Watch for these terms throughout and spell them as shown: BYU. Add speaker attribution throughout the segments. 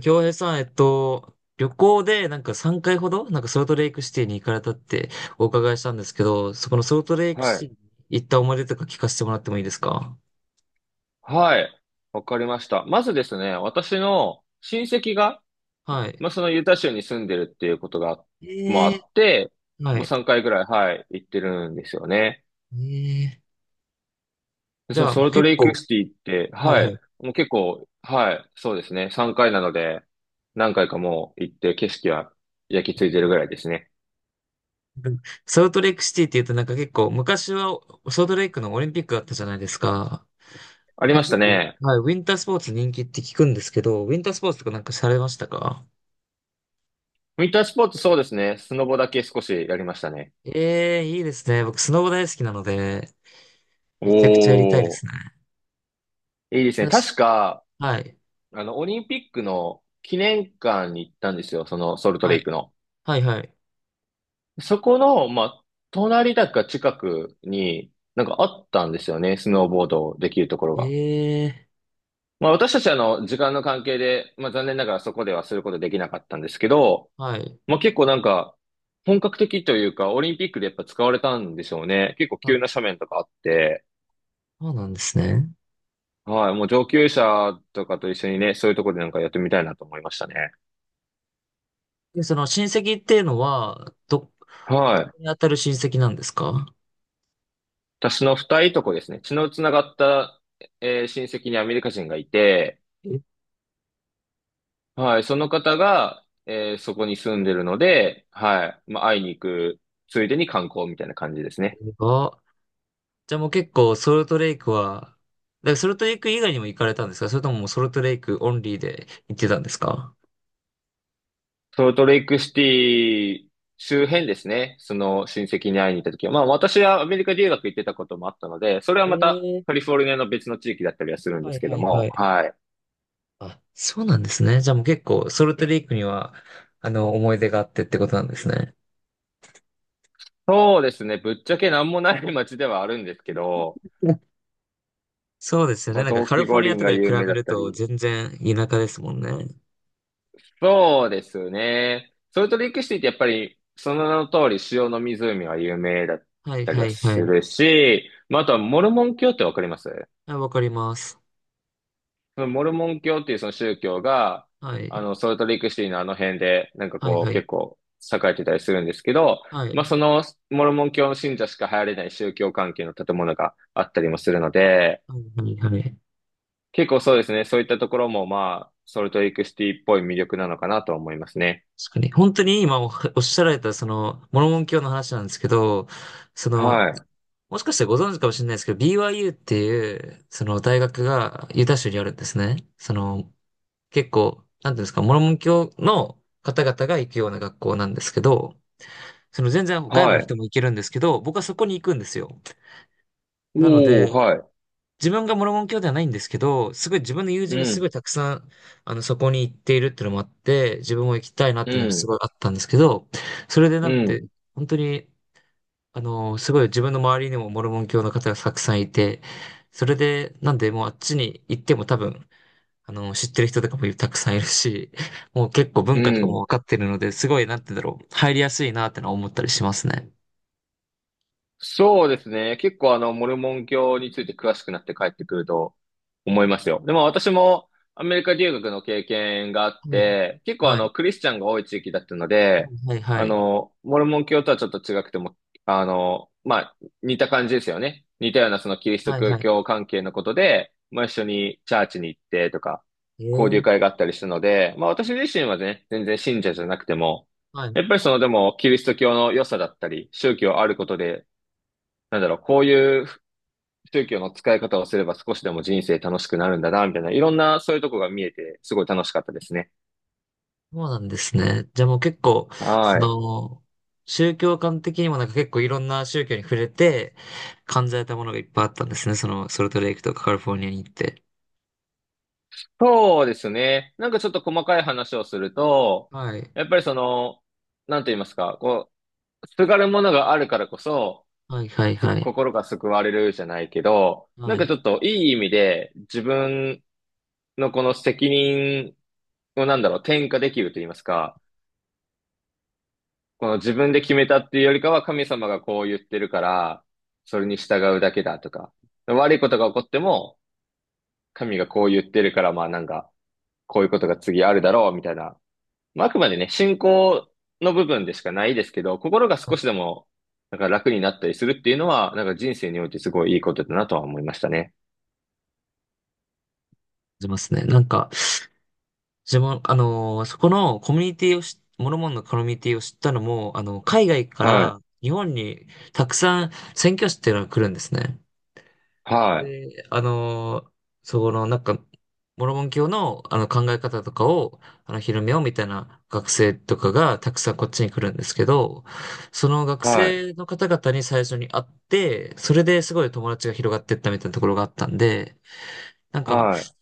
Speaker 1: 京平さん、旅行で3回ほど、ソルトレイクシティに行かれたってお伺いしたんですけど、そこのソルトレイク
Speaker 2: はい。
Speaker 1: シティに行った思い出とか聞かせてもらってもいいですか？
Speaker 2: はい。わかりました。まずですね、私の親戚が、
Speaker 1: はい。
Speaker 2: まあ、そのユタ州に住んでるっていうことが、もあ
Speaker 1: え
Speaker 2: って、
Speaker 1: ー、は
Speaker 2: も
Speaker 1: い。
Speaker 2: う
Speaker 1: え
Speaker 2: 3回ぐらい、はい、行ってるんですよね。
Speaker 1: ー、
Speaker 2: で、
Speaker 1: じ
Speaker 2: その
Speaker 1: ゃあ
Speaker 2: ソ
Speaker 1: もう
Speaker 2: ルト
Speaker 1: 結
Speaker 2: レイク
Speaker 1: 構、
Speaker 2: シティって、
Speaker 1: はい
Speaker 2: は
Speaker 1: はい。
Speaker 2: い、もう結構、はい、そうですね、3回なので、何回かもう行って景色は焼き付いてるぐらいですね。
Speaker 1: ソルトレイクシティって言うとなんか結構、昔はソルトレイクのオリンピックだったじゃないですか。
Speaker 2: あ
Speaker 1: な
Speaker 2: り
Speaker 1: ん
Speaker 2: ま
Speaker 1: か
Speaker 2: した
Speaker 1: 結構、
Speaker 2: ね。
Speaker 1: はい、ウィンタースポーツ人気って聞くんですけど、ウィンタースポーツとかなんかされましたか？
Speaker 2: ウィンタースポーツそうですね、スノボだけ少しやりましたね。
Speaker 1: ええー、いいですね。僕、スノボ大好きなので、めちゃくちゃやりたいで
Speaker 2: お
Speaker 1: すね。
Speaker 2: ー、いいですね。
Speaker 1: 私
Speaker 2: 確か、
Speaker 1: はい。
Speaker 2: あの、オリンピックの記念館に行ったんですよ、そのソルト
Speaker 1: は
Speaker 2: レイ
Speaker 1: い。
Speaker 2: クの。
Speaker 1: はい、はい。
Speaker 2: そこの、まあ、隣だか近くになんかあったんですよね、スノーボードできるところが。
Speaker 1: ええ、
Speaker 2: まあ、私たちあの、時間の関係で、まあ、残念ながらそこではすることできなかったんですけど、
Speaker 1: はい。
Speaker 2: まあ、結構なんか、本格的というか、オリンピックでやっぱ使われたんでしょうね。結構
Speaker 1: あ、
Speaker 2: 急な斜面とかあって、
Speaker 1: そうなんですね。
Speaker 2: はい、もう上級者とかと一緒にね、そういうところでなんかやってみたいなと思いましたね。
Speaker 1: で、その親戚っていうのは、ど
Speaker 2: はい。
Speaker 1: こに当たる親戚なんですか？
Speaker 2: 私の二いとこですね。血のつながった、親戚にアメリカ人がいて、
Speaker 1: え、
Speaker 2: はい、その方が、そこに住んでるので、はい、まあ、会いに行く、ついでに観光みたいな感じですね。
Speaker 1: あ、じゃあもう結構ソルトレイクは、だからソルトレイク以外にも行かれたんですか？それとももうソルトレイクオンリーで行ってたんですか？
Speaker 2: ソルトレイクシティ周辺ですね。その親戚に会いに行った時は、まあ私はアメリカ留学行ってたこともあったので、それは
Speaker 1: え
Speaker 2: また
Speaker 1: え、
Speaker 2: カリフォルニアの別の地域だったりはするんで
Speaker 1: は
Speaker 2: す
Speaker 1: い
Speaker 2: け
Speaker 1: は
Speaker 2: ど
Speaker 1: いは
Speaker 2: も、
Speaker 1: い。
Speaker 2: はい。
Speaker 1: あ、そうなんですね。じゃあもう結構ソルトレイクには、思い出があってってことなんですね。
Speaker 2: そうですね。ぶっちゃけ何もない街ではあるんですけど、
Speaker 1: そうですよね。
Speaker 2: まあ、
Speaker 1: なんか
Speaker 2: 冬
Speaker 1: カリ
Speaker 2: 季
Speaker 1: フォ
Speaker 2: 五
Speaker 1: ルニア
Speaker 2: 輪
Speaker 1: とか
Speaker 2: が
Speaker 1: で比
Speaker 2: 有名
Speaker 1: べ
Speaker 2: だっ
Speaker 1: る
Speaker 2: た
Speaker 1: と
Speaker 2: り、
Speaker 1: 全然田舎ですもんね。
Speaker 2: そうですね。ソルトレイクシティってやっぱり、その名の通り、塩の湖が有名だっ
Speaker 1: はい
Speaker 2: たり
Speaker 1: は
Speaker 2: は
Speaker 1: いは
Speaker 2: す
Speaker 1: い。
Speaker 2: るし、まあ、あとはモルモン教ってわかります？
Speaker 1: はい、わかります。
Speaker 2: そのモルモン教っていうその宗教が、
Speaker 1: は
Speaker 2: あ
Speaker 1: い。
Speaker 2: の、ソルトレイクシティのあの辺で、なんか
Speaker 1: はい
Speaker 2: こう、
Speaker 1: はい。
Speaker 2: 結構栄えてたりするんですけど、
Speaker 1: は
Speaker 2: まあ、
Speaker 1: い。
Speaker 2: そのモルモン教の信者しか入れない宗教関係の建物があったりもするので、
Speaker 1: はいはいはい。
Speaker 2: 結構そうですね、そういったところも、まあ、ソルトレイクシティっぽい魅力なのかなと思いますね。
Speaker 1: 確かに。本当に今おおっしゃられたその、モルモン教の話なんですけど、その、
Speaker 2: はい。
Speaker 1: もしかしてご存知かもしれないですけど、BYU っていう、その大学がユタ州にあるんですね。その、結構、なんていうんですか、モルモン教の方々が行くような学校なんですけど、その全然外部
Speaker 2: は
Speaker 1: の人
Speaker 2: い。
Speaker 1: も行けるんですけど、僕はそこに行くんですよ。なの
Speaker 2: お
Speaker 1: で、
Speaker 2: ー、はい。
Speaker 1: 自分がモルモン教ではないんですけど、すごい自分の友
Speaker 2: う
Speaker 1: 人がすご
Speaker 2: ん、
Speaker 1: いたくさん、そこに行っているっていうのもあって、自分も行きたいなっ
Speaker 2: う
Speaker 1: ていうのがす
Speaker 2: ん、
Speaker 1: ごいあったんですけど、それで
Speaker 2: う
Speaker 1: なんで、
Speaker 2: ん、
Speaker 1: 本当に、すごい自分の周りにもモルモン教の方がたくさんいて、それで、なんでもうあっちに行っても多分、知ってる人とかもたくさんいるし、もう結構
Speaker 2: う
Speaker 1: 文化とかも
Speaker 2: ん。
Speaker 1: 分かってるので、すごい、なんて言うんだろう、入りやすいなってのは思ったりしますね。
Speaker 2: そうですね。結構あの、モルモン教について詳しくなって帰ってくると思いますよ。でも私もアメリカ留学の経験があっ
Speaker 1: はい。
Speaker 2: て、結構あ
Speaker 1: は
Speaker 2: の、
Speaker 1: い。
Speaker 2: クリスチャンが多い地域だったので、
Speaker 1: はい、はい、
Speaker 2: あ
Speaker 1: はい。
Speaker 2: の、モルモン教とはちょっと違くても、あの、まあ、似た感じですよね。似たようなそのキリスト
Speaker 1: はい、はい。
Speaker 2: 教関係のことで、まあ一緒にチャーチに行ってとか、
Speaker 1: え
Speaker 2: 交流
Speaker 1: え。
Speaker 2: 会があったりしたので、まあ私自身はね、全然信者じゃなくても、
Speaker 1: はい、
Speaker 2: やっぱりそのでも、キリスト教の良さだったり、宗教あることで、なんだろう、こういう宗教の使い方をすれば少しでも人生楽しくなるんだな、みたいな、いろんなそういうとこが見えて、すごい楽しかったですね。
Speaker 1: そうなんですね。じゃあもう結構、そ
Speaker 2: はい。
Speaker 1: の、宗教観的にもなんか結構いろんな宗教に触れて感じられたものがいっぱいあったんですね。その、ソルトレイクとかカリフォルニアに行って。
Speaker 2: そうですね。なんかちょっと細かい話をすると、
Speaker 1: はい。
Speaker 2: やっぱりその、なんて言いますか、こう、すがるものがあるからこそ、
Speaker 1: はいはいはい。
Speaker 2: 心が救われるじゃないけど、な
Speaker 1: は
Speaker 2: んかち
Speaker 1: い。
Speaker 2: ょっといい意味で自分のこの責任をなんだろう、転嫁できると言いますか、この自分で決めたっていうよりかは神様がこう言ってるから、それに従うだけだとか、悪いことが起こっても、神がこう言ってるから、まあなんか、こういうことが次あるだろう、みたいな。まあ、あくまでね、信仰の部分でしかないですけど、心が少しで
Speaker 1: 感
Speaker 2: も、なんか楽になったりするっていうのは、なんか人生においてすごいいいことだなとは思いましたね。
Speaker 1: じますね。なんか、自分、そこのコミュニティをし、モルモンのコミュニティを知ったのも、海外か
Speaker 2: はい。
Speaker 1: ら日本にたくさん宣教師っていうのが来るんですね。
Speaker 2: はい。
Speaker 1: で、そこの、なんか、モルモン教の、あの考え方とかを、広めようみたいな学生とかがたくさんこっちに来るんですけど、その学
Speaker 2: はい。
Speaker 1: 生の方々に最初に会って、それですごい友達が広がっていったみたいなところがあったんで、なんか、
Speaker 2: は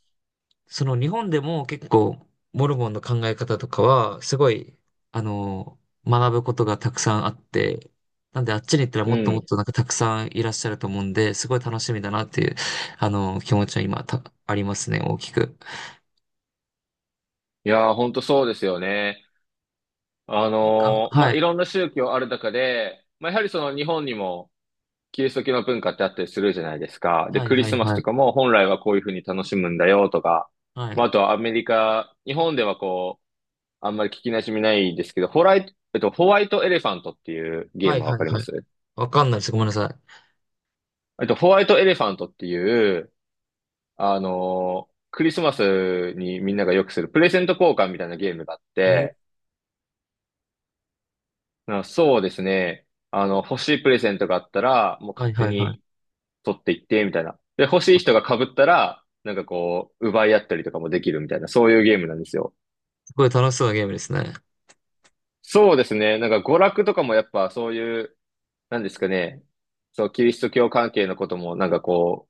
Speaker 1: その日本でも結構モルモンの考え方とかはすごい、あの、学ぶことがたくさんあって、なんであっちに行ったら
Speaker 2: い。
Speaker 1: も
Speaker 2: う
Speaker 1: っともっ
Speaker 2: ん。
Speaker 1: となんかたくさんいらっしゃると思うんで、すごい楽しみだなっていう、気持ちは今ありますね、大きく。
Speaker 2: いやー、ほんとそうですよね。
Speaker 1: なんか、
Speaker 2: ま
Speaker 1: は
Speaker 2: あ、い
Speaker 1: い。
Speaker 2: ろんな宗教ある中で、まあ、やはりその日本にもキリスト教の文化ってあったりするじゃないですか。で、
Speaker 1: はい
Speaker 2: クリ
Speaker 1: は
Speaker 2: ス
Speaker 1: い
Speaker 2: マス
Speaker 1: は
Speaker 2: と
Speaker 1: い。
Speaker 2: かも本来はこういうふうに楽しむんだよとか、
Speaker 1: は
Speaker 2: まあ、あ
Speaker 1: い。
Speaker 2: とはアメリカ、日本ではこう、あんまり聞き馴染みないですけど、ホライト、えっと、ホワイトエレファントっていうゲー
Speaker 1: はい
Speaker 2: ムはわ
Speaker 1: はい
Speaker 2: かりま
Speaker 1: はい。
Speaker 2: す？
Speaker 1: わかんないです。ごめんなさ
Speaker 2: ホワイトエレファントっていう、クリスマスにみんながよくするプレゼント交換みたいなゲームがあっ
Speaker 1: い。え
Speaker 2: て、
Speaker 1: ー
Speaker 2: あそうですね。あの、欲しいプレゼントがあったら、もう
Speaker 1: はい
Speaker 2: 勝手
Speaker 1: はいはい。
Speaker 2: に取っていって、みたいな。で、欲しい
Speaker 1: あ、
Speaker 2: 人が被ったら、なんかこう、奪い合ったりとかもできるみたいな、そういうゲームなんですよ。
Speaker 1: すごい楽しそうなゲームですね。はい
Speaker 2: そうですね。なんか娯楽とかもやっぱそういう、なんですかね。そう、キリスト教関係のこともなんかこ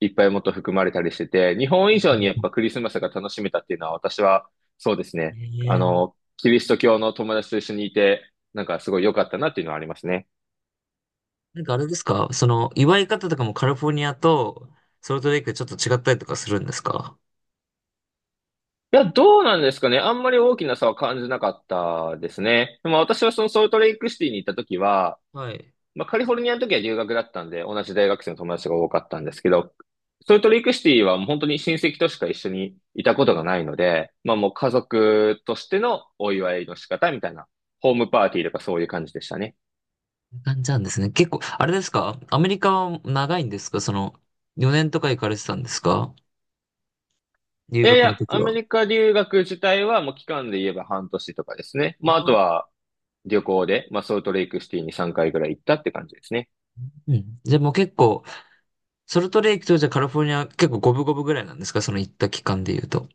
Speaker 2: う、いっぱいもっと含まれたりしてて、日本
Speaker 1: は
Speaker 2: 以
Speaker 1: い
Speaker 2: 上にやっ
Speaker 1: は
Speaker 2: ぱクリスマスが楽しめたっていうのは私は、そうですね。
Speaker 1: い。
Speaker 2: あ
Speaker 1: えー
Speaker 2: の、キリスト教の友達と一緒にいて、なんかすごい良かったなっていうのはありますね。
Speaker 1: なんかあれですかその、祝い方とかもカリフォルニアとソルトレイクでちょっと違ったりとかするんですか？
Speaker 2: いや、どうなんですかね。あんまり大きな差は感じなかったですね。でも私はそのソルトレイクシティに行った時は、
Speaker 1: はい。
Speaker 2: まあカリフォルニアの時は留学だったんで、同じ大学生の友達が多かったんですけど、ソルトレイクシティはもう本当に親戚としか一緒にいたことがないので、まあもう家族としてのお祝いの仕方みたいな、ホームパーティーとかそういう感じでしたね。
Speaker 1: こんな感じなんですね。結構、あれですかアメリカは長いんですかその、4年とか行かれてたんですか？留
Speaker 2: いやい
Speaker 1: 学
Speaker 2: や、
Speaker 1: の時
Speaker 2: アメ
Speaker 1: は。
Speaker 2: リカ留学自体はもう期間で言えば半年とかですね。
Speaker 1: あ
Speaker 2: まああと
Speaker 1: あ。
Speaker 2: は旅行で、まあソルトレイクシティに3回ぐらい行ったって感じですね。
Speaker 1: うん。じゃあもう結構、ソルトレイクとじゃあカリフォルニア結構五分五分ぐらいなんですかその行った期間で言うと。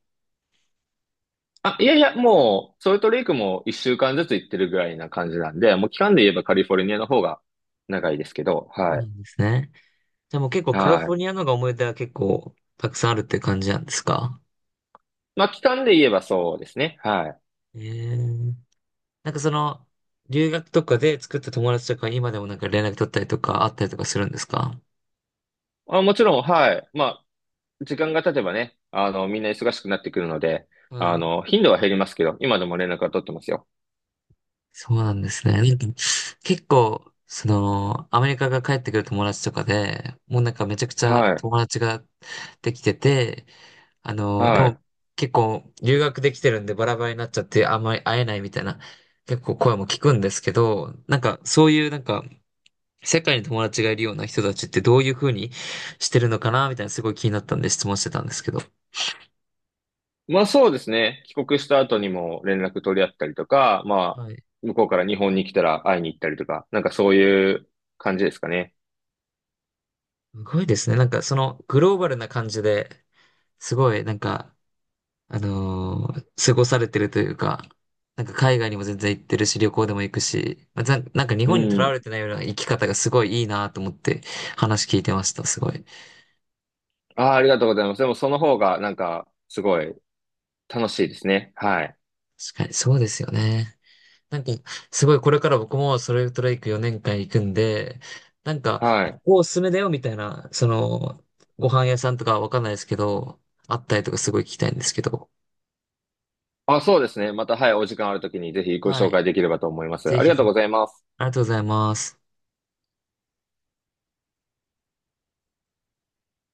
Speaker 2: あ、いやいや、もう、ソルトレイクも一週間ずつ行ってるぐらいな感じなんで、もう期間で言えばカリフォルニアの方が長いですけど、
Speaker 1: そう
Speaker 2: は
Speaker 1: な
Speaker 2: い。
Speaker 1: んですね。じゃあもう結構カリ
Speaker 2: は
Speaker 1: フォル
Speaker 2: い。
Speaker 1: ニアの方が思い出は結構たくさんあるっていう感じなんですか？
Speaker 2: まあ、期間で言えばそうですね。はい。
Speaker 1: ええなんかその、留学とかで作った友達とか今でもなんか連絡取ったりとかあったりとかするんですか？
Speaker 2: あ、もちろん、はい。まあ、時間が経てばね、あの、みんな忙しくなってくるので、
Speaker 1: は
Speaker 2: あ
Speaker 1: い。
Speaker 2: の、頻度は減りますけど、今でも連絡は取ってますよ。
Speaker 1: そうなんですね。なんか結構、その、アメリカが帰ってくる友達とかで、もうなんかめちゃくちゃ
Speaker 2: はい。
Speaker 1: 友達ができてて、で
Speaker 2: は
Speaker 1: も
Speaker 2: い。
Speaker 1: 結構留学できてるんでバラバラになっちゃってあんまり会えないみたいな結構声も聞くんですけど、なんかそういうなんか世界に友達がいるような人たちってどういうふうにしてるのかなみたいなすごい気になったんで質問してたんですけど。
Speaker 2: まあ、そうですね。帰国した後にも連絡取り合ったりとか、まあ、
Speaker 1: はい。
Speaker 2: 向こうから日本に来たら会いに行ったりとか、なんかそういう感じですかね。
Speaker 1: すごいですね。なんかそのグローバルな感じで、すごいなんか、過ごされてるというか、なんか海外にも全然行ってるし、旅行でも行くし、まあざなんか日
Speaker 2: う
Speaker 1: 本にとらわ
Speaker 2: ん。
Speaker 1: れてないような生き方がすごいいいなと思って話聞いてました。すごい。
Speaker 2: ああ、ありがとうございます。でもその方がなんかすごい楽しいですね。はい。
Speaker 1: 確かにそうですよね。なんか、すごいこれから僕もそれトレイク4年間行くんで、なんか、
Speaker 2: は
Speaker 1: こ
Speaker 2: い。
Speaker 1: こおすすめだよみたいな、その、ご飯屋さんとかわかんないですけど、あったりとかすごい聞きたいんですけど、
Speaker 2: あ、そうですね。また、はい、お時間あるときにぜひご
Speaker 1: は
Speaker 2: 紹
Speaker 1: い。
Speaker 2: 介できればと思います。
Speaker 1: ぜ
Speaker 2: あり
Speaker 1: ひ
Speaker 2: がと
Speaker 1: ぜ
Speaker 2: う
Speaker 1: ひ。
Speaker 2: ございます。
Speaker 1: ありがとうございます。